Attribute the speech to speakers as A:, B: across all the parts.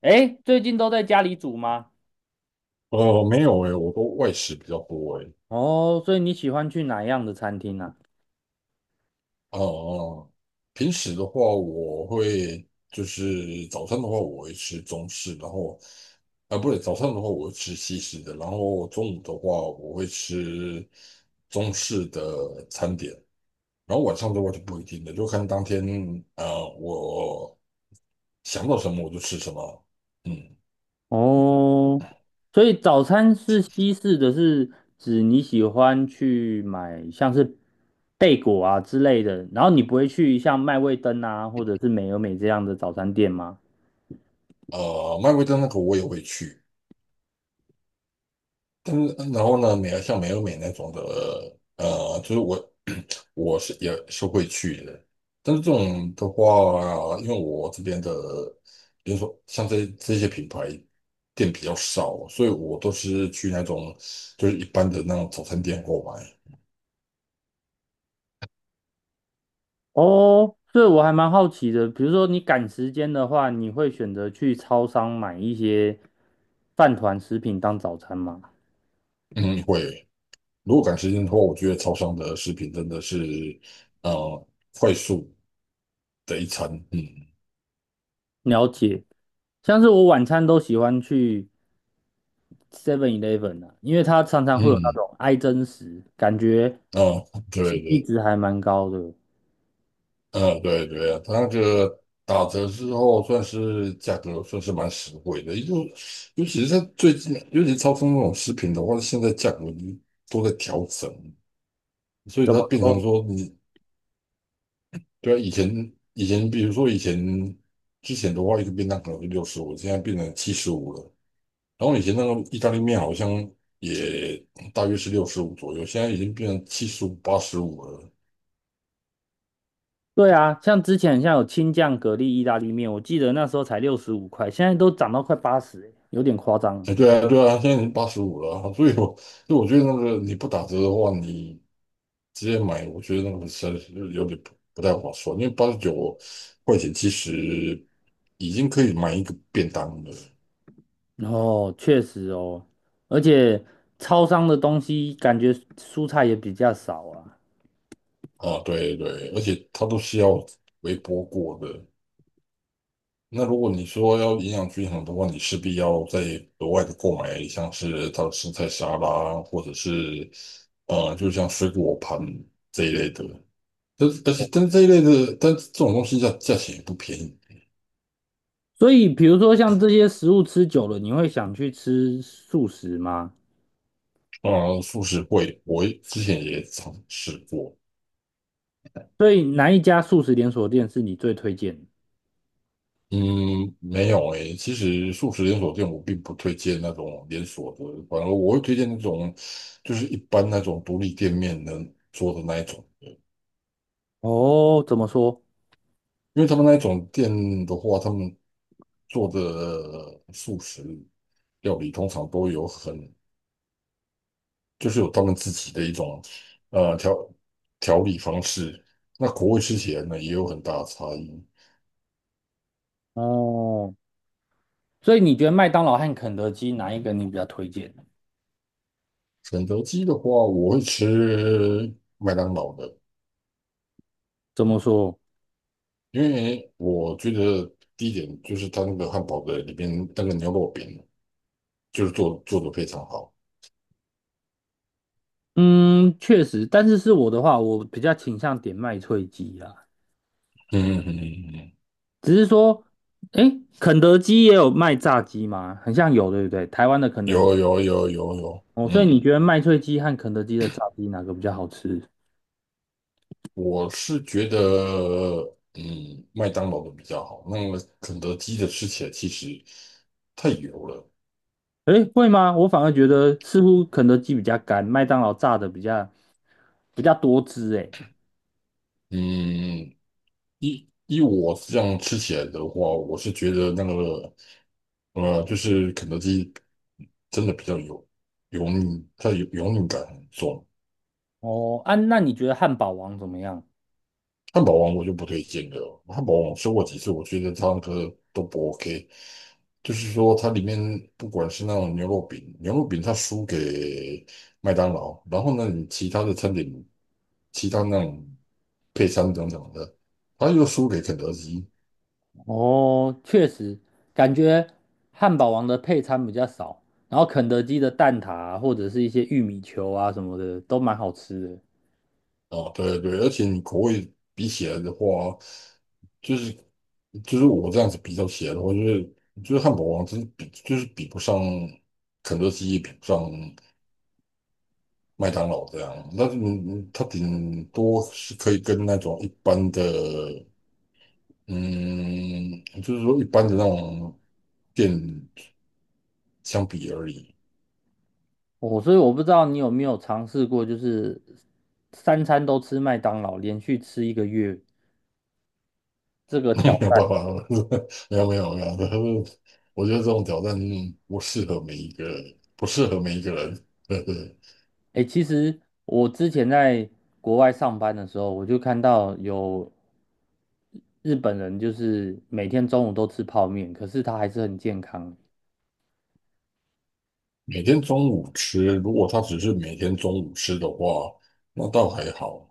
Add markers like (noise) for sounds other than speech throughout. A: 哎，最近都在家里煮吗？
B: 没有诶，我都外食比较多诶。
A: 哦，所以你喜欢去哪样的餐厅啊？
B: 呃，平时的话，我会就是早餐的话，我会吃中式，然后啊、不对，早餐的话我会吃西式的，然后中午的话我会吃中式的餐点，然后晚上的话就不一定了，就看当天我想到什么我就吃什么。嗯。
A: 哦，所以早餐是西式的是指你喜欢去买像是贝果啊之类的，然后你不会去像麦味登啊或者是美而美这样的早餐店吗？
B: 麦味登那个我也会去，但是然后呢，美而像美而美那种的，呃，就是我。我是也是会去的，但是这种的话啊，因为我这边的，比如说像这些品牌店比较少，所以我都是去那种就是一般的那种早餐店购买。
A: 哦，所以我还蛮好奇的，比如说你赶时间的话，你会选择去超商买一些饭团食品当早餐吗？
B: 嗯，会。如果赶时间的话，我觉得超商的食品真的是，呃，快速的一餐。嗯
A: 了解，像是我晚餐都喜欢去。Seven Eleven 啊，因为它常常会有那
B: 嗯，
A: 种爱真实，感觉
B: 啊、对
A: CP
B: 对。
A: 值还蛮高的。
B: 嗯，对对，它那个打折之后，算是价格算是蛮实惠的，尤其是在最近，尤其超市那种食品的话，现在价格都在调整，所以
A: 怎
B: 它
A: 么
B: 变成
A: 说？
B: 说你。对啊，以前比如说以前之前的话，一个便当可能是六十五，现在变成七十五了，然后以前那个意大利面好像也大约是六十五左右，现在已经变成七十五、八十五了。
A: 对啊，像之前像有青酱蛤蜊意大利面，我记得那时候才65块，现在都涨到快80欸，有点夸张。
B: 哎，对啊，对啊，现在经八十五了啊，所以我，所以我觉得那个你不打折的话，你直接买，我觉得那个实在是有点不太划算，因为89块钱其实已经可以买一个便当了。
A: 哦，确实哦，而且超商的东西感觉蔬菜也比较少啊，
B: 啊，对对，而且它都是要微波过的。那如果你说要营养均衡的话，你势必要再额外的购买，像是它的生菜沙拉，或者是就像水果盘这一类的。但是这一类的，但是这种东西价钱也不便宜。
A: 所以比如说像这些食物吃久了，你会想去吃素食吗？
B: 啊，素食会我之前也尝试过。
A: 所以哪一家素食连锁店是你最推荐的
B: 嗯，没有诶、其实素食连锁店我并不推荐那种连锁的，反而我会推荐那种就是一般那种独立店面能做的那一种。
A: 哦，怎么说？
B: 因为他们那一种店的话，他们做的素食料理通常都有很就是有他们自己的一种呃调调理方式。那口味吃起来呢也有很大的差异。
A: 哦，所以你觉得麦当劳和肯德基哪一个你比较推荐？
B: 肯德基的话，我会吃麦当劳的，
A: 怎么说？
B: 因为我觉得第一点就是它那个汉堡的里边那个牛肉饼就是做的非常好。
A: 嗯，确实，但是是我的话，我比较倾向点麦脆鸡啊。
B: 嗯嗯嗯嗯，嗯。
A: 只是说，诶，肯德基也有卖炸鸡吗？很像有，对不对？台湾的肯德基。
B: 有有有有有，
A: 哦，所以
B: 嗯，
A: 你觉得麦脆鸡和肯德基的炸鸡哪个比较好吃？
B: 我是觉得嗯麦当劳的比较好，那么肯德基的吃起来其实太油了。
A: 诶，会吗？我反而觉得似乎肯德基比较干，麦当劳炸的比较多汁。诶。
B: 嗯，依我这样吃起来的话，我是觉得那个，就是肯德基真的比较油腻，它油腻感很重。
A: 哦，啊，那你觉得汉堡王怎么样？
B: 汉堡王我就不推荐了，汉堡王我吃过几次，我觉得它那个都不 OK。就是说，它里面不管是那种牛肉饼，牛肉饼它输给麦当劳，然后呢，你其他的餐点，其他那种配餐等等的，它又输给肯德基。
A: 哦，确实，感觉汉堡王的配餐比较少，然后肯德基的蛋挞啊或者是一些玉米球啊什么的都蛮好吃的。
B: 啊，对对，而且你口味比起来的话，就是就是我这样子比较起来的话，就是就是汉堡王真是比就是比不上肯德基，也比不上麦当劳这样。但是你你它顶多是可以跟那种一般的，嗯，就是说一般的那种店相比而已。
A: 哦，所以我不知道你有没有尝试过，就是三餐都吃麦当劳，连续吃1个月这
B: (laughs)
A: 个挑
B: 没有办法，
A: 战。
B: (laughs) 没有没有没有，(laughs) 我觉得这种挑战不适合每一个，不适合每一个人。(laughs) 对对。
A: 诶，其实我之前在国外上班的时候，我就看到有日本人就是每天中午都吃泡面，可是他还是很健康。
B: 每天中午吃，如果他只是每天中午吃的话，那倒还好。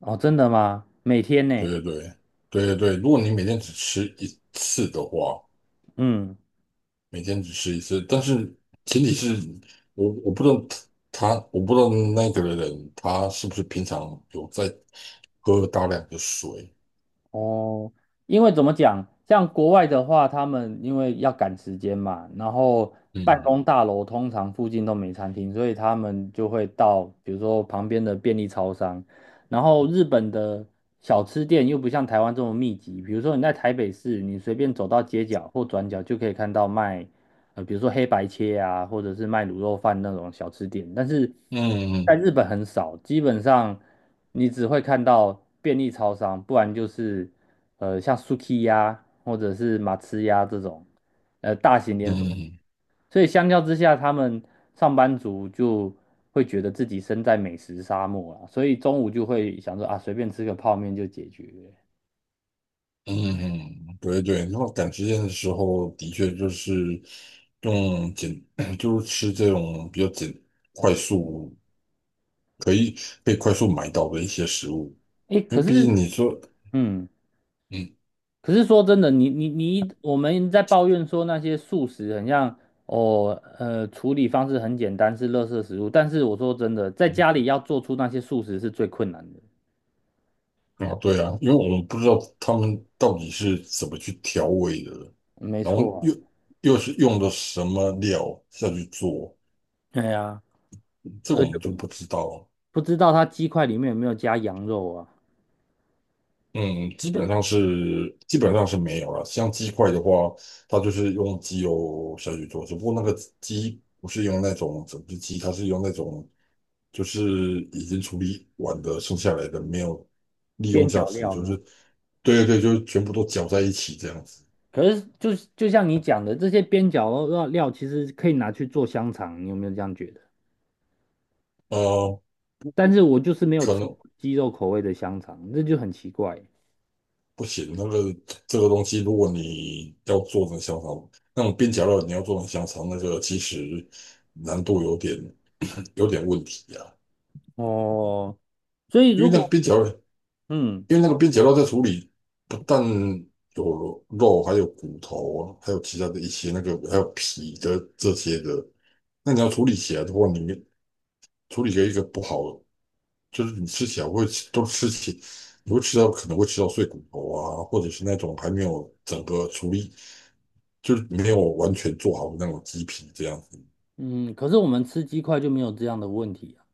A: 哦，真的吗？每天
B: 对
A: 呢？
B: 对对，对对对，如果你每天只吃一次的话，
A: 嗯。
B: 每天只吃一次，但是前提是我不知道他，我不知道那个人他是不是平常有在喝大量的水。
A: 哦，因为怎么讲，像国外的话，他们因为要赶时间嘛，然后办
B: 嗯
A: 公大楼通常附近都没餐厅，所以他们就会到比如说旁边的便利超商，然后日本的小吃店又不像台湾这么密集，比如说你在台北市，你随便走到街角或转角就可以看到卖比如说黑白切啊，或者是卖卤肉饭那种小吃店，但是
B: 嗯
A: 在
B: 嗯
A: 日本很少，基本上你只会看到便利超商，不然就是像 Suki 呀，或者是马吃呀这种大型连锁。
B: 嗯
A: 所以相较之下，他们上班族就会觉得自己身在美食沙漠啊，所以中午就会想说啊，随便吃个泡面就解决了。
B: 嗯，嗯，嗯对对，那么赶时间的时候，的确就是用简，(clears throat) 就是吃这种比较简、快速可以被快速买到的一些食物，
A: 诶，
B: 因
A: 可
B: 为毕竟
A: 是
B: 你说，
A: 嗯。
B: 嗯
A: 可是说真的，你你你一，我们在抱怨说那些素食很像哦，处理方式很简单，是垃圾食物。但是我说真的，在
B: 嗯。
A: 家里要做出那些素食是最困难的。
B: 啊，对啊，因为我们不知道他们到底是怎么去调味的，
A: 没
B: 然后
A: 错
B: 又
A: 啊，
B: 又是用的什么料下去做，
A: 对呀，
B: 这个
A: 而
B: 我
A: 且
B: 们就不知道。
A: 不知道它鸡块里面有没有加羊肉啊，
B: 嗯，基
A: 对
B: 本上
A: 啊
B: 是基本上是没有了。像鸡块的话，它就是用鸡油下去做，只不过那个鸡不是用那种整只鸡，它是用那种就是已经处理完的剩下来的没有利用
A: 边
B: 价
A: 角
B: 值，
A: 料
B: 就是。
A: 呢？
B: 对对对，就是全部都搅在一起这样子。
A: 可是就像你讲的，这些边角料料其实可以拿去做香肠，你有没有这样觉得？
B: 呃，
A: 但是我就是没有
B: 可
A: 吃
B: 能
A: 过鸡肉口味的香肠，这就很奇怪。
B: 不行，那个这个东西，如果你要做成香肠，那种边角料你要做成香肠，那个其实难度有点问题啊。
A: 哦，所以
B: 因为
A: 如
B: 那个
A: 果
B: 边角料。
A: 嗯
B: 因为那个边角肉在处理，不但有肉，还有骨头啊，还有其他的一些那个，还有皮的这些的。那你要处理起来的话，你处理了一个不好，就是你吃起来会都吃起，你会吃到可能会吃到碎骨头啊，或者是那种还没有整个处理，就是没有完全做好的那种鸡皮这样子。
A: 嗯，可是我们吃鸡块就没有这样的问题啊。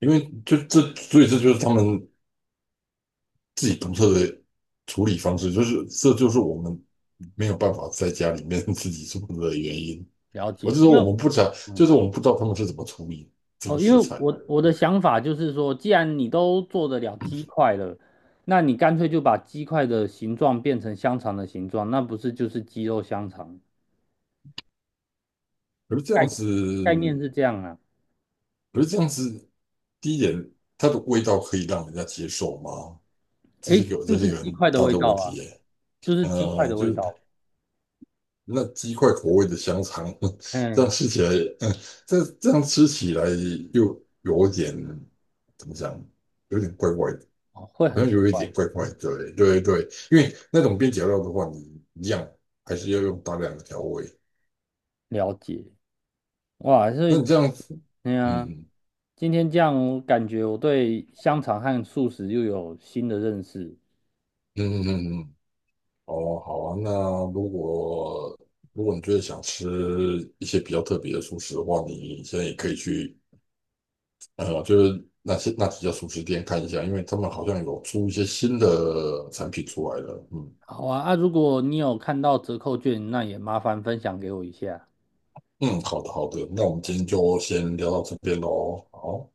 B: 因为就这，所以这就是他们自己独特的处理方式，就是这就是我们没有办法在家里面 (laughs) 自己做的原因。
A: 了
B: 我
A: 解，
B: 就说
A: 因
B: 我
A: 为
B: 们不知道，就
A: 嗯
B: 是我们不知道他们是怎么处理这个
A: 哦，因
B: 食
A: 为
B: 材的。
A: 我的想法就是说，既然你都做得了鸡块了，那你干脆就把鸡块的形状变成香肠的形状，那不是就是鸡肉香肠？
B: 可是这
A: 概
B: 样子，
A: 概念是这样啊，
B: 可是这样子，第一点，它的味道可以让人家接受吗？这是一
A: 诶，
B: 个，这
A: 就
B: 是一
A: 是
B: 个
A: 鸡
B: 很
A: 块的
B: 大
A: 味
B: 的
A: 道
B: 问题
A: 啊，
B: 耶。
A: 就是鸡块
B: 呃，
A: 的
B: 就
A: 味
B: 是
A: 道，
B: 那鸡块口味的香肠，(laughs) 这
A: 嗯，
B: 样吃起来，嗯，这样吃起来又有点怎么讲，有点怪怪的，
A: 哦会
B: 好
A: 很
B: 像
A: 奇
B: 有一
A: 怪
B: 点怪
A: 的。
B: 怪的。对对对，因为那种边角料的话，你一样还是要用大量的调味。
A: 了解，哇，所
B: 那
A: 以。
B: 你这样
A: 对呀，
B: 嗯
A: 今天这样，我感觉我对香肠和素食又有新的认识。
B: 嗯嗯嗯嗯，哦，好啊。那如果如果你觉得想吃一些比较特别的素食的话，你现在也可以去就是那些那几家素食店看一下，因为他们好像有出一些新的产品出来了。嗯
A: 好啊，啊，如果你有看到折扣券，那也麻烦分享给我一下。
B: 嗯，好的好的，那我们今天就先聊到这边喽。好。